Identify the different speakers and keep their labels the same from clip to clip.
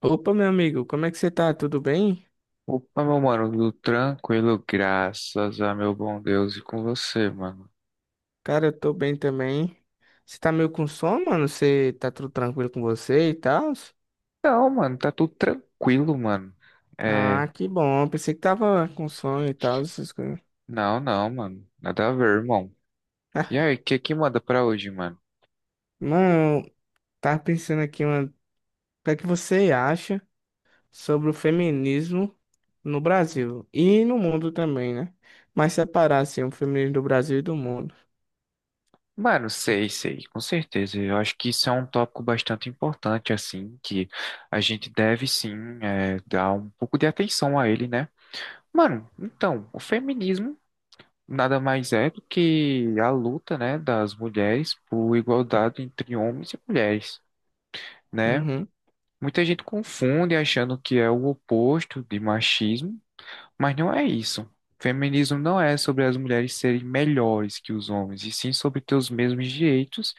Speaker 1: Opa, meu amigo, como é que você tá? Tudo bem?
Speaker 2: Opa, meu mano, tudo tranquilo, graças a meu bom Deus e com você, mano.
Speaker 1: Cara, eu tô bem também. Você tá meio com sono, mano? Você tá tudo tranquilo com você e tal?
Speaker 2: Não, mano, tá tudo tranquilo, mano. É,
Speaker 1: Ah, que bom. Pensei que tava com sono e tal, essas coisas.
Speaker 2: não, não, mano, nada a ver, irmão. E aí, o que que manda pra hoje, mano?
Speaker 1: Mano, eu tava pensando aqui, mano, o que é que você acha sobre o feminismo no Brasil e no mundo também, né? Mas separar, assim, o feminismo do Brasil e do mundo.
Speaker 2: Mano, sei, sei, com certeza. Eu acho que isso é um tópico bastante importante, assim, que a gente deve sim, dar um pouco de atenção a ele, né? Mano, então, o feminismo nada mais é do que a luta, né, das mulheres por igualdade entre homens e mulheres, né?
Speaker 1: Uhum.
Speaker 2: Muita gente confunde achando que é o oposto de machismo, mas não é isso. Feminismo não é sobre as mulheres serem melhores que os homens, e sim sobre ter os mesmos direitos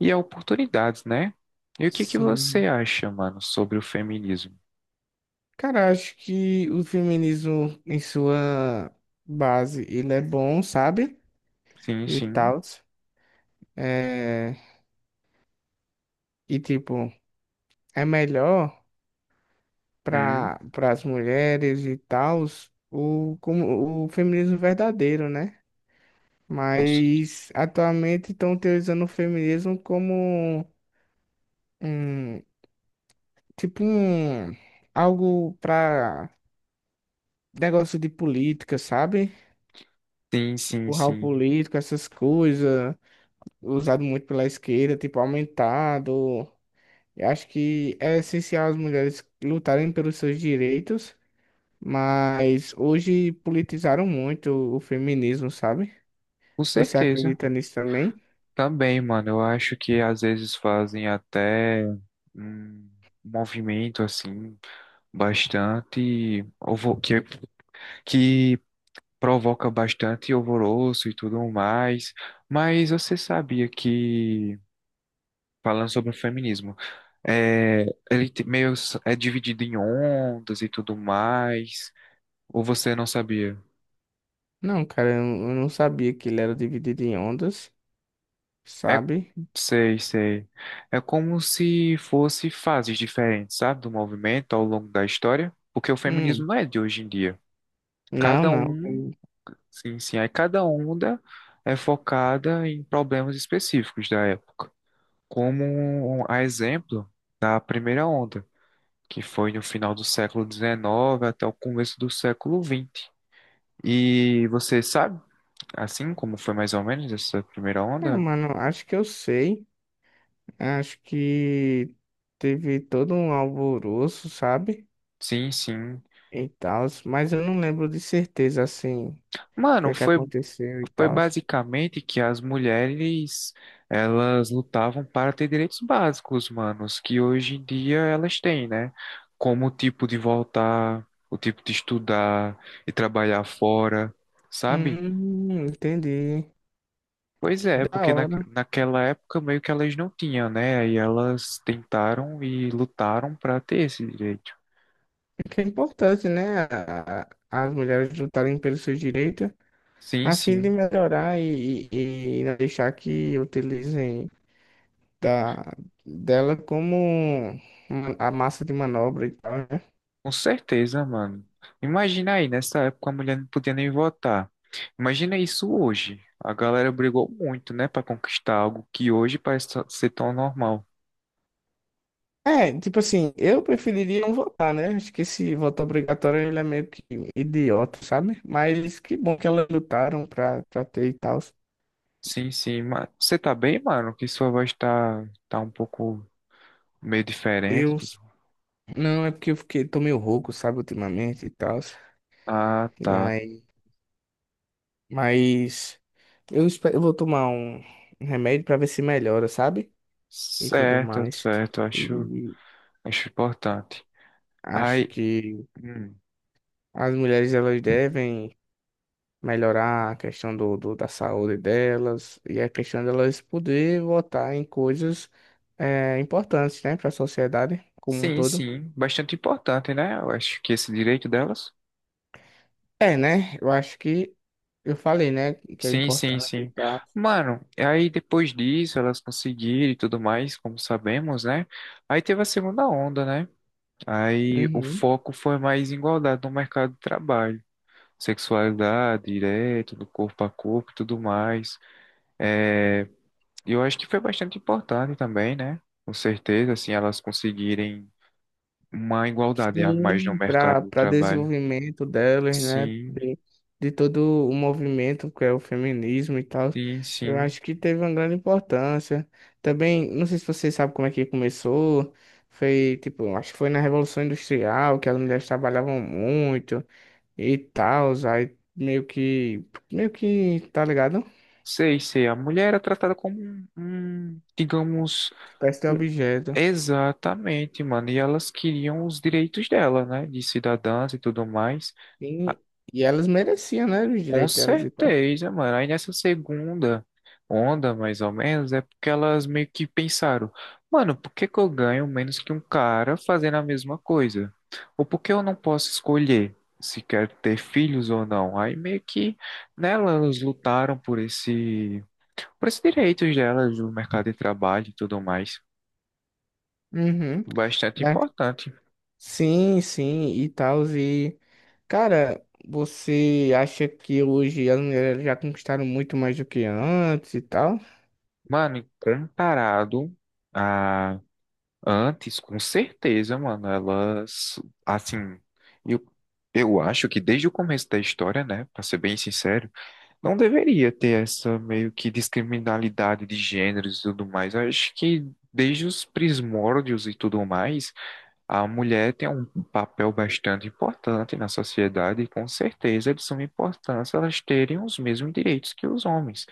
Speaker 2: e oportunidades, né? E o que que você
Speaker 1: Sim,
Speaker 2: acha, mano, sobre o feminismo?
Speaker 1: cara, acho que o feminismo em sua base, ele é bom, sabe?
Speaker 2: Sim,
Speaker 1: E
Speaker 2: sim.
Speaker 1: tal. É... E tipo, é melhor
Speaker 2: Hum,
Speaker 1: para as mulheres e tal o, como, o feminismo verdadeiro, né?
Speaker 2: com cer-
Speaker 1: Mas atualmente estão utilizando o feminismo como um, tipo um, algo para negócio de política, sabe?
Speaker 2: sim, sim,
Speaker 1: Empurrar o
Speaker 2: sim.
Speaker 1: político, essas coisas usado muito pela esquerda, tipo, aumentado. Eu acho que é essencial as mulheres lutarem pelos seus direitos, mas hoje politizaram muito o feminismo, sabe?
Speaker 2: Com
Speaker 1: Você
Speaker 2: certeza.
Speaker 1: acredita nisso também?
Speaker 2: Também, mano, eu acho que às vezes fazem até um movimento assim bastante que provoca bastante alvoroço e tudo mais. Mas você sabia que, falando sobre o feminismo, é, ele te- meio s- é dividido em ondas e tudo mais? Ou você não sabia?
Speaker 1: Não, cara, eu não sabia que ele era dividido em ondas,
Speaker 2: É,
Speaker 1: sabe?
Speaker 2: sei, sei. É como se fosse fases diferentes, sabe, do movimento ao longo da história, porque o feminismo
Speaker 1: Hum,
Speaker 2: não é de hoje em dia.
Speaker 1: não,
Speaker 2: Cada
Speaker 1: não.
Speaker 2: um, sim, sim, é cada onda é focada em problemas específicos da época, como um, a exemplo da primeira onda, que foi no final do século XIX até o começo do século XX. E você sabe, assim como foi mais ou menos essa primeira
Speaker 1: Ah,
Speaker 2: onda?
Speaker 1: mano, acho que eu sei. Acho que teve todo um alvoroço, sabe?
Speaker 2: Sim, sim.
Speaker 1: E tal, mas eu não lembro de certeza, assim, o que
Speaker 2: Mano,
Speaker 1: é que
Speaker 2: foi,
Speaker 1: aconteceu e
Speaker 2: foi
Speaker 1: tal.
Speaker 2: basicamente que as mulheres, elas lutavam para ter direitos básicos, manos, que hoje em dia elas têm, né? Como o tipo de voltar, o tipo de estudar e trabalhar fora, sabe?
Speaker 1: Entendi.
Speaker 2: Pois
Speaker 1: Que
Speaker 2: é,
Speaker 1: da
Speaker 2: porque
Speaker 1: hora.
Speaker 2: naquela época meio que elas não tinham, né? Aí elas tentaram e lutaram para ter esse direito.
Speaker 1: É que é importante, né? As mulheres lutarem pelos seus direitos
Speaker 2: Sim,
Speaker 1: a fim de
Speaker 2: sim,
Speaker 1: melhorar e não deixar que utilizem da, dela como a massa de manobra e tal, né?
Speaker 2: com certeza, mano. Imagina aí, nessa época a mulher não podia nem votar. Imagina isso hoje. A galera brigou muito, né, para conquistar algo que hoje parece ser tão normal.
Speaker 1: É, tipo assim, eu preferiria não votar, né? Acho que esse voto obrigatório ele é meio que idiota, sabe? Mas que bom que elas lutaram pra ter e tal.
Speaker 2: Sim, sim, mas você tá bem, mano? Que sua voz tá um pouco meio diferente,
Speaker 1: Eu
Speaker 2: tudo.
Speaker 1: Não, é porque eu fiquei, tô meio rouco, sabe, ultimamente e tal.
Speaker 2: Ah,
Speaker 1: E
Speaker 2: tá.
Speaker 1: aí, mas eu espero, eu vou tomar um remédio pra ver se melhora, sabe? E tudo
Speaker 2: Certo,
Speaker 1: mais.
Speaker 2: certo,
Speaker 1: E
Speaker 2: acho importante.
Speaker 1: acho
Speaker 2: Aí,
Speaker 1: que
Speaker 2: hum.
Speaker 1: as mulheres elas devem melhorar a questão da saúde delas e a questão delas poder votar em coisas importantes, né, para a sociedade como um
Speaker 2: Sim,
Speaker 1: todo.
Speaker 2: sim. Bastante importante, né? Eu acho que esse direito delas.
Speaker 1: É, né? Eu acho que eu falei, né, que é
Speaker 2: Sim, sim,
Speaker 1: importante e
Speaker 2: sim.
Speaker 1: tal.
Speaker 2: Mano, e aí depois disso elas conseguiram e tudo mais, como sabemos, né? Aí teve a segunda onda, né? Aí o
Speaker 1: Uhum.
Speaker 2: foco foi mais igualdade no mercado de trabalho. Sexualidade, direito, do corpo a corpo e tudo mais. É, eu acho que foi bastante importante também, né? Com certeza, assim, elas conseguirem uma igualdade a mais no
Speaker 1: Sim,
Speaker 2: mercado
Speaker 1: para
Speaker 2: de
Speaker 1: para
Speaker 2: trabalho.
Speaker 1: desenvolvimento delas, né?
Speaker 2: Sim,
Speaker 1: De todo o movimento que é o feminismo e tal.
Speaker 2: sim,
Speaker 1: Eu
Speaker 2: sim.
Speaker 1: acho que teve uma grande importância. Também, não sei se vocês sabem como é que começou. Foi, tipo, acho que foi na Revolução Industrial que as mulheres trabalhavam muito e tal. Aí meio que, tá ligado?
Speaker 2: Sei, sei. A mulher era tratada como um, digamos,
Speaker 1: Espécie de
Speaker 2: um-
Speaker 1: objeto.
Speaker 2: exatamente, mano. E elas queriam os direitos dela, né? De cidadãs e tudo mais. Ah,
Speaker 1: E, e elas mereciam, né? Os
Speaker 2: com
Speaker 1: direitos delas e tal.
Speaker 2: certeza, mano. Aí nessa segunda onda, mais ou menos, é porque elas meio que pensaram, mano, por que que eu ganho menos que um cara fazendo a mesma coisa? Ou por que eu não posso escolher se quero ter filhos ou não? Aí meio que, né, elas lutaram por esse, para os direitos delas no mercado de trabalho e tudo mais.
Speaker 1: Uhum.
Speaker 2: Bastante
Speaker 1: É.
Speaker 2: importante.
Speaker 1: Sim, sim, e tal, cara, você acha que hoje as mulheres já conquistaram muito mais do que antes e tal?
Speaker 2: Mano, e comparado a antes, com certeza, mano, elas, assim, eu, eu acho que desde o começo da história, né, para ser bem sincero, não deveria ter essa meio que discriminalidade de gêneros e tudo mais. Eu acho que desde os primórdios e tudo mais, a mulher tem um papel bastante importante na sociedade e com certeza é de suma importância elas terem os mesmos direitos que os homens.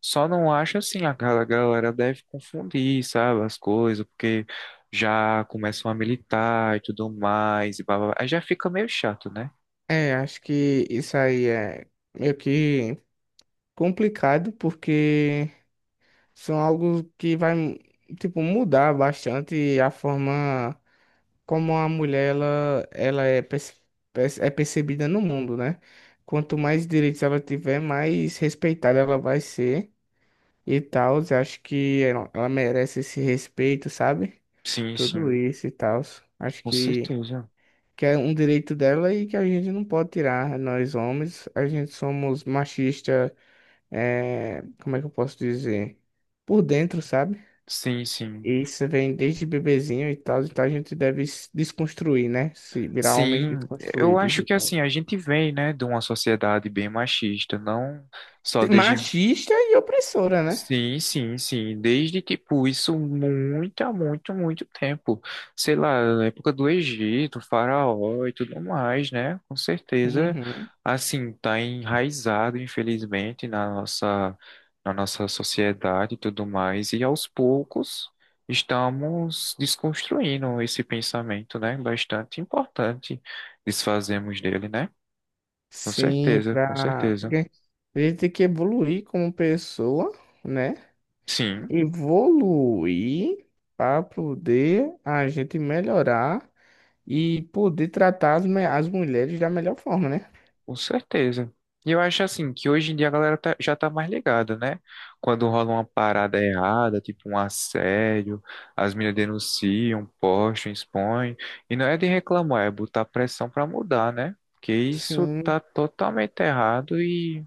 Speaker 2: Só não acho assim, a galera deve confundir, sabe, as coisas, porque já começam a militar e tudo mais, e blá, blá, blá. Aí já fica meio chato, né?
Speaker 1: É, acho que isso aí é meio que complicado, porque são algo que vai, tipo, mudar bastante a forma como a mulher ela é, é percebida no mundo, né? Quanto mais direitos ela tiver, mais respeitada ela vai ser e tal. Eu acho que ela merece esse respeito, sabe?
Speaker 2: Sim,
Speaker 1: Tudo
Speaker 2: sim,
Speaker 1: isso e tal. Acho
Speaker 2: com
Speaker 1: que,
Speaker 2: certeza.
Speaker 1: que é um direito dela e que a gente não pode tirar. Nós homens, a gente somos machista, é, como é que eu posso dizer? Por dentro, sabe?
Speaker 2: Sim, sim.
Speaker 1: E isso vem desde bebezinho e tal, então a gente deve se desconstruir, né? Se virar homens
Speaker 2: Sim, eu
Speaker 1: desconstruídos
Speaker 2: acho
Speaker 1: e
Speaker 2: que
Speaker 1: tal.
Speaker 2: assim, a gente vem, né, de uma sociedade bem machista, não só desde.
Speaker 1: Machista e opressora, né?
Speaker 2: Sim, sim, sim. Desde, tipo, isso muito, há muito, muito tempo. Sei lá, na época do Egito, faraó e tudo mais, né? Com certeza,
Speaker 1: Uhum.
Speaker 2: assim, tá enraizado, infelizmente, na nossa sociedade e tudo mais. E aos poucos estamos desconstruindo esse pensamento, né? Bastante importante desfazemos dele, né? Com
Speaker 1: Sim,
Speaker 2: certeza, com
Speaker 1: pra...
Speaker 2: certeza.
Speaker 1: porque a gente tem que evoluir como pessoa, né?
Speaker 2: Sim.
Speaker 1: Evoluir para poder a gente melhorar e poder tratar as mulheres da melhor forma, né?
Speaker 2: Com certeza. E eu acho assim que hoje em dia já tá mais ligada, né? Quando rola uma parada errada, tipo um assédio, as meninas denunciam, postam, expõem. E não é de reclamar, é botar pressão pra mudar, né? Porque isso
Speaker 1: Sim,
Speaker 2: tá totalmente errado e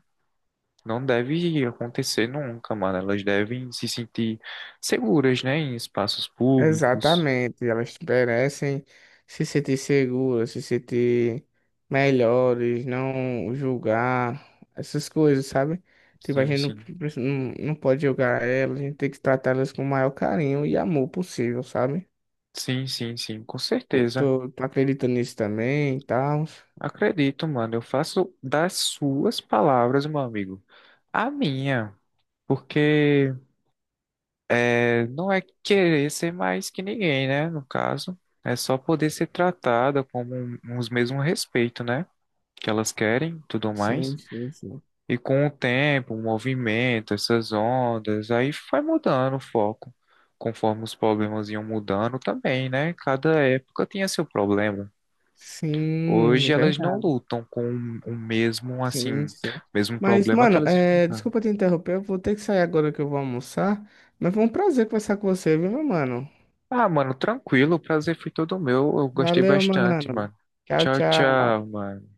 Speaker 2: não deve acontecer nunca, mano. Elas devem se sentir seguras, né? Em espaços públicos.
Speaker 1: exatamente. Elas merecem se sentir seguras, se sentir melhores, não julgar, essas coisas, sabe? Tipo, a
Speaker 2: Sim,
Speaker 1: gente
Speaker 2: sim.
Speaker 1: não, não pode julgar elas, a gente tem que tratá-las com o maior carinho e amor possível, sabe?
Speaker 2: Sim, sim, sim, com
Speaker 1: Pô,
Speaker 2: certeza.
Speaker 1: Tô acreditando nisso também e tal.
Speaker 2: Acredito, mano. Eu faço das suas palavras, meu amigo, a minha. Porque é, não é querer ser mais que ninguém, né? No caso, é só poder ser tratada como os mesmos respeito, né? Que elas querem, tudo mais.
Speaker 1: Sim, sim, sim.
Speaker 2: E com o tempo, o movimento, essas ondas, aí vai mudando o foco. Conforme os problemas iam mudando também, né? Cada época tinha seu problema. Hoje
Speaker 1: Sim,
Speaker 2: elas não
Speaker 1: verdade.
Speaker 2: lutam com o mesmo,
Speaker 1: Sim,
Speaker 2: assim,
Speaker 1: sim.
Speaker 2: mesmo
Speaker 1: Mas,
Speaker 2: problema que
Speaker 1: mano,
Speaker 2: elas
Speaker 1: é,
Speaker 2: enfrentaram.
Speaker 1: desculpa te interromper, eu vou ter que sair agora que eu vou almoçar. Mas foi um prazer conversar com você, viu, meu mano?
Speaker 2: Ah, mano, tranquilo, o prazer foi todo meu. Eu gostei
Speaker 1: Valeu,
Speaker 2: bastante,
Speaker 1: mano.
Speaker 2: mano.
Speaker 1: Tchau,
Speaker 2: Tchau,
Speaker 1: tchau.
Speaker 2: tchau, mano.